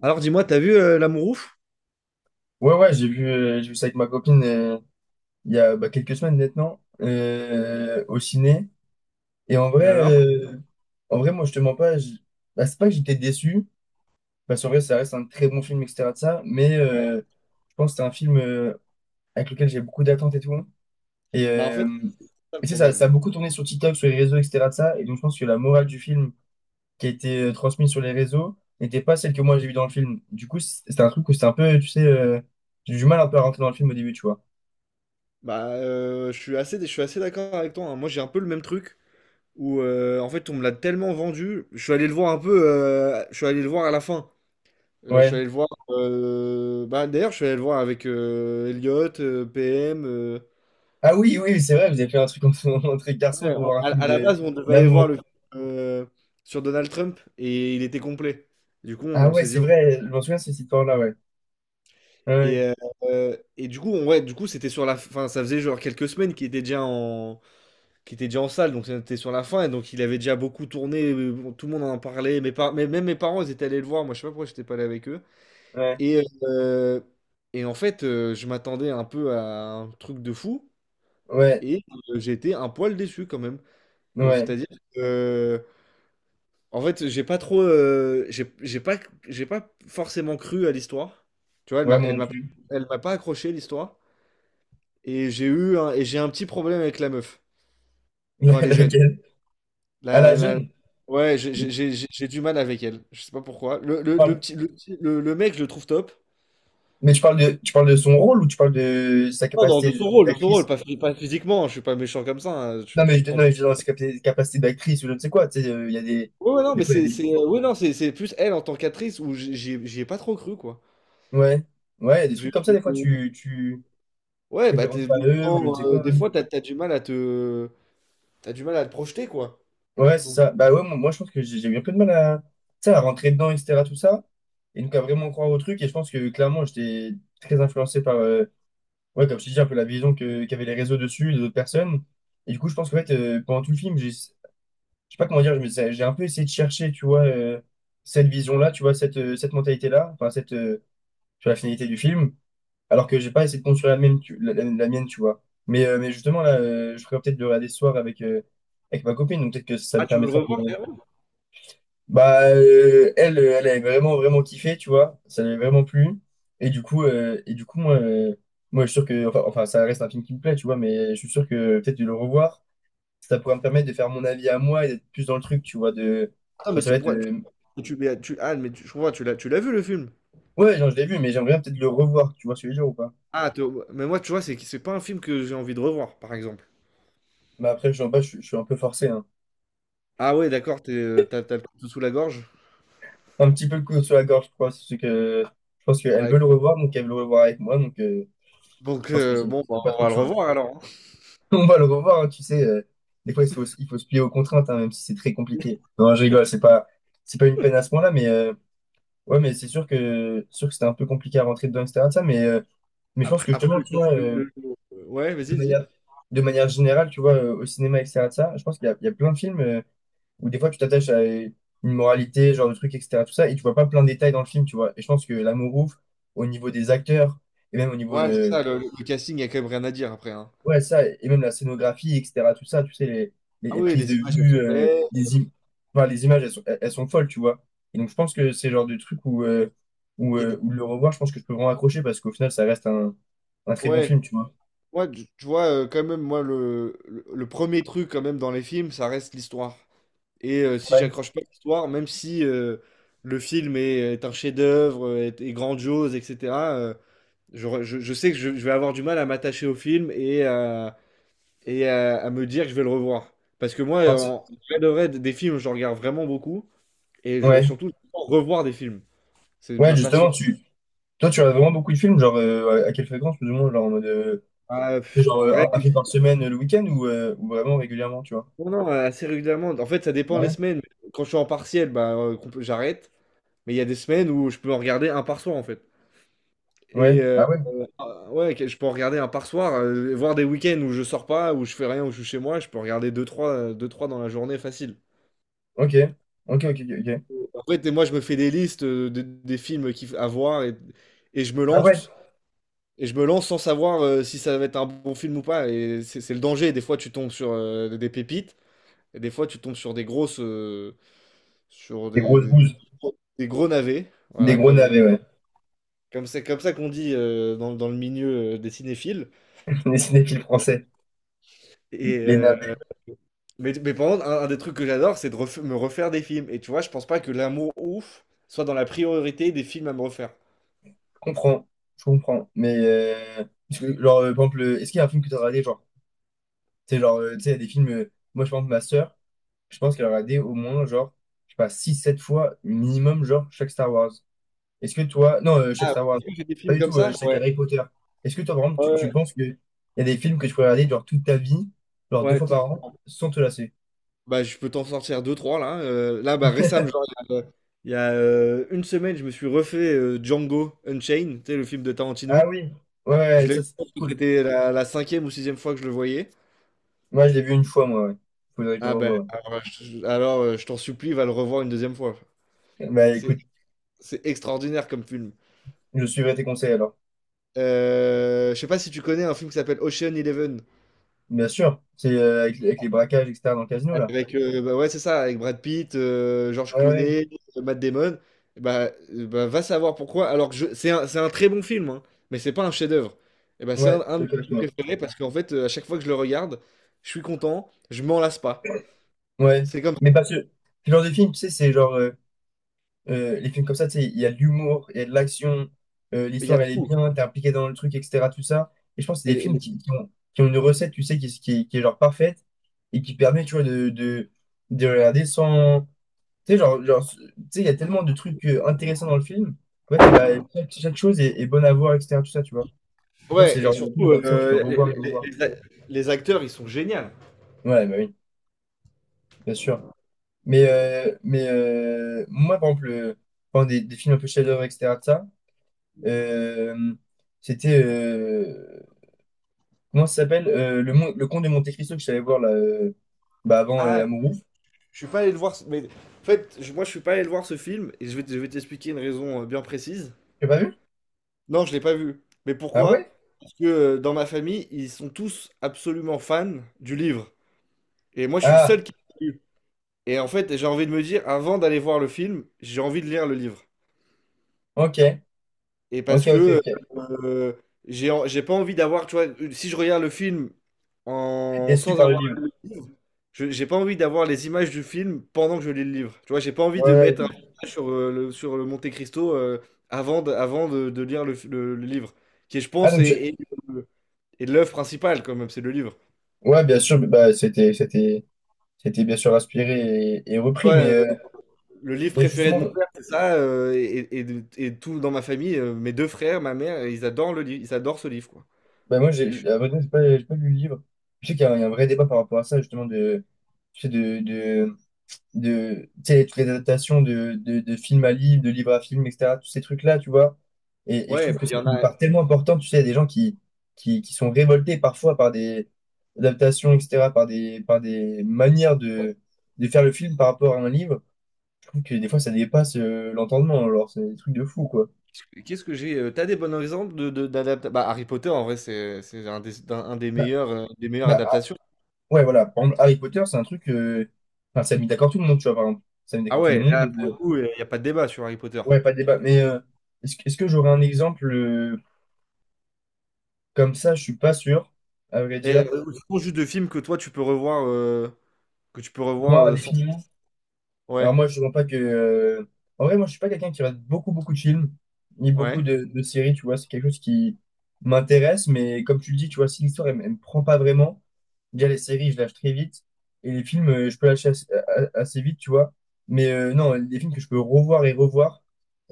Alors dis-moi, t'as vu l'amour ouf? Ouais, ouais, j'ai vu ça avec ma copine il y a bah, quelques semaines maintenant au ciné. Et en Et vrai, alors? Moi, je te mens pas. Bah, c'est pas que j'étais déçu, parce qu'en vrai, ça reste un très bon film, etc. de ça, mais Ouais. Je pense que c'est un film avec lequel j'ai beaucoup d'attentes et tout. Et, Bah en euh, fait, c'est ça le et, tu sais, ça, problème, ça a ouais. beaucoup tourné sur TikTok, sur les réseaux, etc. de ça. Et donc, je pense que la morale du film qui a été transmise sur les réseaux n'était pas celle que moi j'ai vue dans le film. Du coup, c'était un truc où c'était un peu, tu sais, j'ai eu du mal un peu à rentrer dans le film au début, tu vois. Je suis assez d'accord avec toi, hein. Moi, j'ai un peu le même truc où en fait, on me l'a tellement vendu. Je suis allé le voir un peu, je suis allé le voir à la fin. Je suis Ouais. allé le voir, bah d'ailleurs, je suis allé le voir avec Elliot, PM. Ah oui, oui, c'est vrai, vous avez fait un truc entre, entre garçons Ouais, pour voir un à, film à la de base, on devait aller voir d'amour. le film euh, sur Donald Trump et il était complet. Du coup, Ah on ouais, s'est c'est dit, on… vrai, je m'en souviens de cette histoire-là, ouais. Et, Ouais, euh, et du coup, ouais, du coup, c'était sur la fin. Ça faisait genre quelques semaines qu'il était qu'il était déjà en salle, donc c'était sur la fin. Et donc, il avait déjà beaucoup tourné. Bon, tout le monde en parlait. Mais même mes parents, ils étaient allés le voir. Moi, je sais pas pourquoi j'étais pas allé avec eux. ouais, Et, euh, et en fait, je m'attendais un peu à un truc de fou. ouais, Et j'ai été un poil déçu quand même. Ouais, C'est-à-dire que en fait, j'ai pas trop, j'ai pas forcément cru à l'histoire. Tu vois, ouais, moi non plus. elle m'a pas accroché l'histoire. Et j'ai un petit problème avec la meuf quand elle est jeune. Laquelle? À La, la la- jeune? Ouais, j'ai Mais j'ai- j'ai- j'ai- j'ai du mal avec elle. Je sais pas pourquoi. Le, tu le, parles, le petit, le, petit- le- le mec, je le trouve top. tu parles de son rôle ou tu parles de sa Non, non, capacité de son rôle, d'actrice? Pas physiquement. Je suis pas méchant comme ça, hein. Non, Tu mais me je, non, prends. mais je dis dans sa capacité d'actrice ou je ne sais quoi, tu sais, il y a Ouais, non, des fois, il y a des, ouais, non, c'est plus elle en tant qu'actrice où j'y ai pas trop cru, quoi. ouais, ouais, il y a des Je- trucs comme ça, des fois, tu te Ouais, références pas à des eux ou je ne sais temps, quoi. des fois, t'as du mal à te… t'as du mal à te projeter, quoi. Ouais, c'est Donc… ça. Bah ouais, moi, je pense que j'ai eu un peu de mal tu sais, à rentrer dedans, et cetera tout ça. Et donc à vraiment croire au truc. Et je pense que clairement, j'étais très influencé par, ouais, comme je te dis, un peu la vision qu'avaient les réseaux dessus, les autres personnes. Et du coup, je pense qu'en fait, pendant tout le film, je sais pas comment dire, j'ai un peu essayé de chercher, tu vois, cette vision-là, tu vois, cette mentalité-là, enfin, tu vois, la finalité du film. Alors que j'ai pas essayé de construire la mienne, la mienne, tu vois. Mais justement, là, je ferais peut-être de regarder ce soir avec ma copine. Donc peut-être que ça me Ah, tu veux le permettra. revoir, carrément? Bah, elle avait vraiment, vraiment kiffé, tu vois. Ça lui avait vraiment plu. Et du coup, moi, je suis sûr que, enfin, ça reste un film qui me plaît, tu vois, mais je suis sûr que peut-être de le revoir, ça pourrait me permettre de faire mon avis à moi et d'être plus dans le truc, tu vois. Ah, mais Enfin, ça tu, va être. pourquoi- tu- mais tu- ah, mais tu- Je comprends, tu l'as vu le film? Ouais, genre, je l'ai vu, mais j'aimerais bien peut-être le revoir, tu vois, ce que je veux dire ou pas. Mais moi, tu vois, c'est pas un film que j'ai envie de revoir, par exemple. Mais après, je, pas, je suis un peu forcé, hein. Ah ouais, d'accord, t'as le couteau sous la gorge. Un petit peu le couteau sur la gorge, je crois. C'est que je pense qu'elle Ouais, veut le revoir, donc elle veut le revoir avec moi, donc je donc, pense que c'est bon, bah, c'est pas on trop va le le choix. revoir alors, hein. On va le revoir, hein, tu sais. Des fois, il faut se plier aux contraintes, hein, même si c'est très compliqué. Non, je rigole, c'est pas une peine à ce point-là, mais ouais, mais c'est sûr que c'était un peu compliqué à rentrer dedans, etc. de ça, mais je pense Après, que après justement, tu vois, Ouais, de vas-y, dis. manière, de manière générale, tu vois, au cinéma, etc. de ça, je pense qu'il y a plein de films où des fois tu t'attaches à une moralité, ce genre de truc, etc. tout ça, et tu vois pas plein de détails dans le film, tu vois. Et je pense que L'amour ouf, au niveau des acteurs, et même au niveau Ouais, c'est de. ça, le casting, il y a quand même rien à dire après, hein. Ouais, ça, et même la scénographie, etc., tout ça, tu sais, les, les- Ah les oui, prises de les images, elles vue, sont belles. Enfin, les images, elles sont, elles sont folles, tu vois. Et donc, je pense que c'est le genre de truc où, euh, où, Il y a euh, des- où le revoir, je pense que je peux vraiment accrocher parce qu'au final, ça reste un très bon Ouais, film, tu vois. moi, tu vois, quand même, moi, le premier truc, quand même, dans les films, ça reste l'histoire. Et si Ouais. j'accroche pas à l'histoire, même si le film est, est un chef-d'œuvre, est, est grandiose, etc. Je sais que je vais avoir du mal à m'attacher au film et, à me dire que je vais le revoir. Parce que moi, Enfin, en vrai de vrai, des films, je regarde vraiment beaucoup. Ouais, Surtout, j'adore revoir des films. C'est ouais, ma passion. justement, toi, tu as vraiment beaucoup de films, genre, à quelle fréquence, plus ou moins, genre, en mode, c'est genre, En vrai, un film par semaine le week-end ou vraiment régulièrement, tu vois. non, non, assez régulièrement. En fait, ça Ah dépend les ouais? semaines. Quand je suis en partiel, bah, j'arrête. Mais il y a des semaines où je peux en regarder un par soir, en fait. Ouais, Et euh, ah ouais, ouais, je peux en regarder un par soir, voir des week-ends où je sors pas, où je fais rien, où je suis chez moi. Je peux en regarder deux, trois, deux, trois dans la journée facile. ok, ok, ok, ok. Ok. En fait, et moi, je me fais des listes des films à voir, et je me Ah ouais, lance. Et je me lance sans savoir si ça va être un bon film ou pas. Et c'est le danger. Des fois, tu tombes sur des pépites. Et des fois, tu tombes sur des grosses. Sur des grosses bouses, des gros navets. des Voilà, gros navets, ouais. comme c'est comme ça qu'on dit dans, dans le milieu des cinéphiles. Les cinéphiles français, Et, les euh, navets. mais par contre, un des trucs que j'adore, c'est de me refaire des films. Et tu vois, je pense pas que l'amour ouf soit dans la priorité des films à me refaire. Je comprends, je comprends. Mais, parce que, genre, par exemple, est-ce qu'il y a un film que tu as regardé, genre, tu sais, il y a des films, moi, je pense, ma sœur, je pense qu'elle a regardé au moins, genre, je sais pas, six sept fois minimum, genre, chaque Star Wars. Est-ce que toi, non, chaque Ah, Star Wars, est-ce que j'ai des pas films du comme tout, ça? chaque Ouais. Harry Potter. Est-ce que toi, vraiment, tu, Ouais, tu penses qu'il y a des films que tu pourrais regarder, genre, toute ta vie, genre, deux ouais, fois par an, sans te lasser? bah, je peux t'en sortir deux, trois là. Là, bah, récemment, genre, il y a, une semaine, je me suis refait Django Unchained, tu sais, le film de Ah Tarantino. oui, ouais, Je ouais, l'ai, ça, c'est cool. c'était la, la cinquième ou sixième fois que je le voyais. Moi, je l'ai vu une fois, moi, ouais. Faudrait que je le Ah ben, revoie. Alors, je t'en supplie, va le revoir une deuxième fois. Bah, C'est, écoute. c'est extraordinaire comme film. Je suivrai tes conseils alors. Je sais pas si tu connais un film qui s'appelle Ocean Eleven. Bien sûr, c'est avec les braquages, etc. dans le casino là. Avec, bah ouais, c'est ça, avec Brad Pitt, George Ouais, ouais, Clooney, Matt Damon. Bah, va savoir pourquoi. C'est c'est un très bon film, hein, mais c'est pas un chef-d'œuvre. Et bah, c'est ouais, je un suis de d'accord mes avec films toi. préférés parce qu'en fait, à chaque fois que je le regarde, je suis content, je m'en lasse pas. Ouais, C'est comme… mais parce que ce genre de film, tu sais, c'est genre les films comme ça, tu sais, il y a de l'humour, il y a de l'action, il y a l'histoire elle est tout. bien, t'es impliqué dans le truc, etc. Tout ça. Et je pense que c'est Et, des les- films les- qui ont une recette, tu sais, qui est genre parfaite et qui permet, tu vois, de regarder sans. Tu sais, genre, genre, tu sais, il y a tellement de trucs intéressants dans le film. Ouais, et bah, chaque chose est bonne à voir, etc. tout ça, tu vois. Non, c'est ouais, le et genre de film surtout, comme ça, tu peux revoir et revoir. Les acteurs, ils sont géniaux. Ouais, bah oui, bien sûr. Mais, moi, par exemple, pendant des films un peu chef-d'œuvre, etc., de ça, euh, c'était. Comment ça s'appelle? Le Comte de Monte-Cristo que je savais voir là, bah, avant Ah, Amour ouf. je suis pas allé le voir, mais en fait, moi, je suis pas allé le voir ce film et je vais t'expliquer une raison bien précise. Tu l'as pas vu? Non, je l'ai pas vu. Mais Ah ouais? pourquoi? Parce que dans ma famille, ils sont tous absolument fans du livre. Et moi, je suis le Ah, seul qui l'a lu. Et en fait, j'ai envie de me dire, avant d'aller voir le film, j'ai envie de lire le livre. ok. Et Ok, parce ok, que ok. euh, j'ai pas envie d'avoir, tu vois, si je regarde le film sans Déçu par le avoir livre. lu le livre, j'ai pas envie d'avoir les images du film pendant que je lis le livre. Tu vois, j'ai pas envie de Ouais. mettre un Ouais. message sur, sur le Monte Cristo avant de lire le livre, qui, je Ah, pense, donc, est- euh, de l'œuvre principale, quand même, c'est le livre. ouais, bien sûr, bah, c'était bien sûr inspiré et Ouais, repris, euh, le livre mais préféré de justement, mon père, c'est ça, et tout dans ma famille, mes deux frères, ma mère, ils adorent le livre, ils adorent ce livre, quoi. bah moi, Et je- à vrai dire, j'ai pas lu le livre. Je sais qu'il y a un vrai débat par rapport à ça, justement, tu sais, de, de, de, tu sais, toutes les adaptations de film à livre, de livre à film, etc., tous ces trucs-là, tu vois. Et, je Ouais, trouve bah, que il c'est y en une a. part tellement importante, tu sais, il y a des gens qui sont révoltés parfois par des adaptations, etc., par des manières de faire le film par rapport à un livre. Je trouve que des fois, ça dépasse l'entendement, alors c'est des trucs de fou, quoi. Qu'est-ce que j'ai? T'as des bons exemples d'adapta-… Bah, Harry Potter, en vrai, c'est un un des Bah, meilleurs, des meilleures bah, adaptations. ouais, voilà. Par exemple, Harry Potter, c'est un truc. Enfin, ça a mis d'accord tout le monde, tu vois, par exemple. Ça a mis Ah d'accord tout le ouais, monde. là, pour le coup, il n'y a pas de débat sur Harry Potter. Ouais, pas de débat. Mais est-ce que j'aurais un exemple comme ça? Je suis pas sûr, à vrai Et dire. Ce sont juste de films que toi, tu peux revoir, que tu peux revoir Moi, sans. définitivement. Alors Ouais, moi, je ne pas que. En vrai, moi, je suis pas quelqu'un qui regarde beaucoup, beaucoup de films, ni beaucoup ouais. de séries, tu vois. C'est quelque chose qui m'intéresse, mais comme tu le dis, tu vois, si l'histoire, elle, ne me prend pas vraiment, déjà les séries, je lâche très vite, et les films, je peux lâcher assez vite, tu vois. Mais non, les films que je peux revoir et revoir,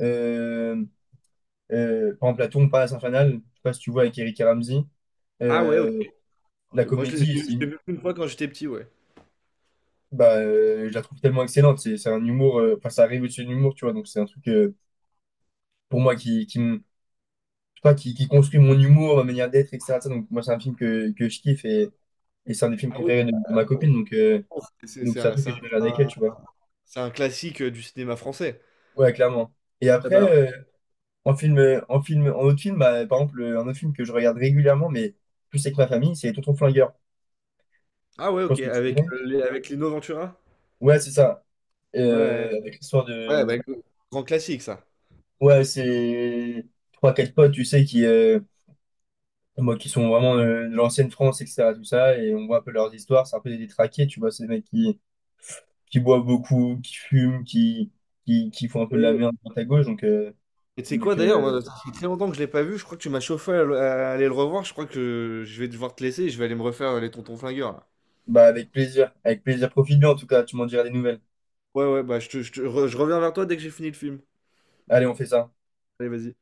euh, par exemple, La Tombe Palace Infernale, je sais pas si tu vois, avec Eric et Ramsey, Ah ouais, ok. euh, la Ok, moi, comédie, je l'ai vu une fois quand j'étais petit, ouais. bah, je la trouve tellement excellente, c'est un humour, enfin, ça arrive au-dessus de l'humour, tu vois, donc c'est un truc. Pour moi, je sais pas, qui construit mon humour, ma manière d'être, etc. Ça, donc, moi, c'est un film que je kiffe et c'est un des films Ah, préférés de ma copine. C'est Donc c'est c'est un un, truc c'est que un- je vais regarder avec elle, un- tu vois. c'est un classique du cinéma français. Ouais, clairement. Et Ah, après, bah, en autre film, bah, par exemple, un autre film que je regarde régulièrement, mais plus avec ma famille, c'est Tonton Flingueur. ah ouais, Je ok, pense que tu avec, connais. Avec Lino Ventura? Ouais, c'est ça. Ouais, ouais, Avec l'histoire ouais, de. Grand classique ça. Ouais, c'est trois, quatre potes, tu sais, qui. Moi qui sont vraiment de l'ancienne France, etc. tout ça, et on voit un peu leurs histoires, c'est un peu des détraqués, tu vois, c'est des mecs qui boit beaucoup, qui fume, qui font un peu de la Et merde à droite à gauche. Donc, euh, et tu sais quoi donc d'ailleurs, moi, euh, ça fait très longtemps que je l'ai pas vu, je crois que tu m'as chauffé à aller le revoir, je crois que je vais devoir te laisser et je vais aller me refaire les tontons flingueurs là. bah, avec plaisir. Avec plaisir. Profite bien, en tout cas. Tu m'en diras des nouvelles. Ouais, ouais, je reviens vers toi dès que j'ai fini le film. Allez, on fait ça. Allez, vas-y.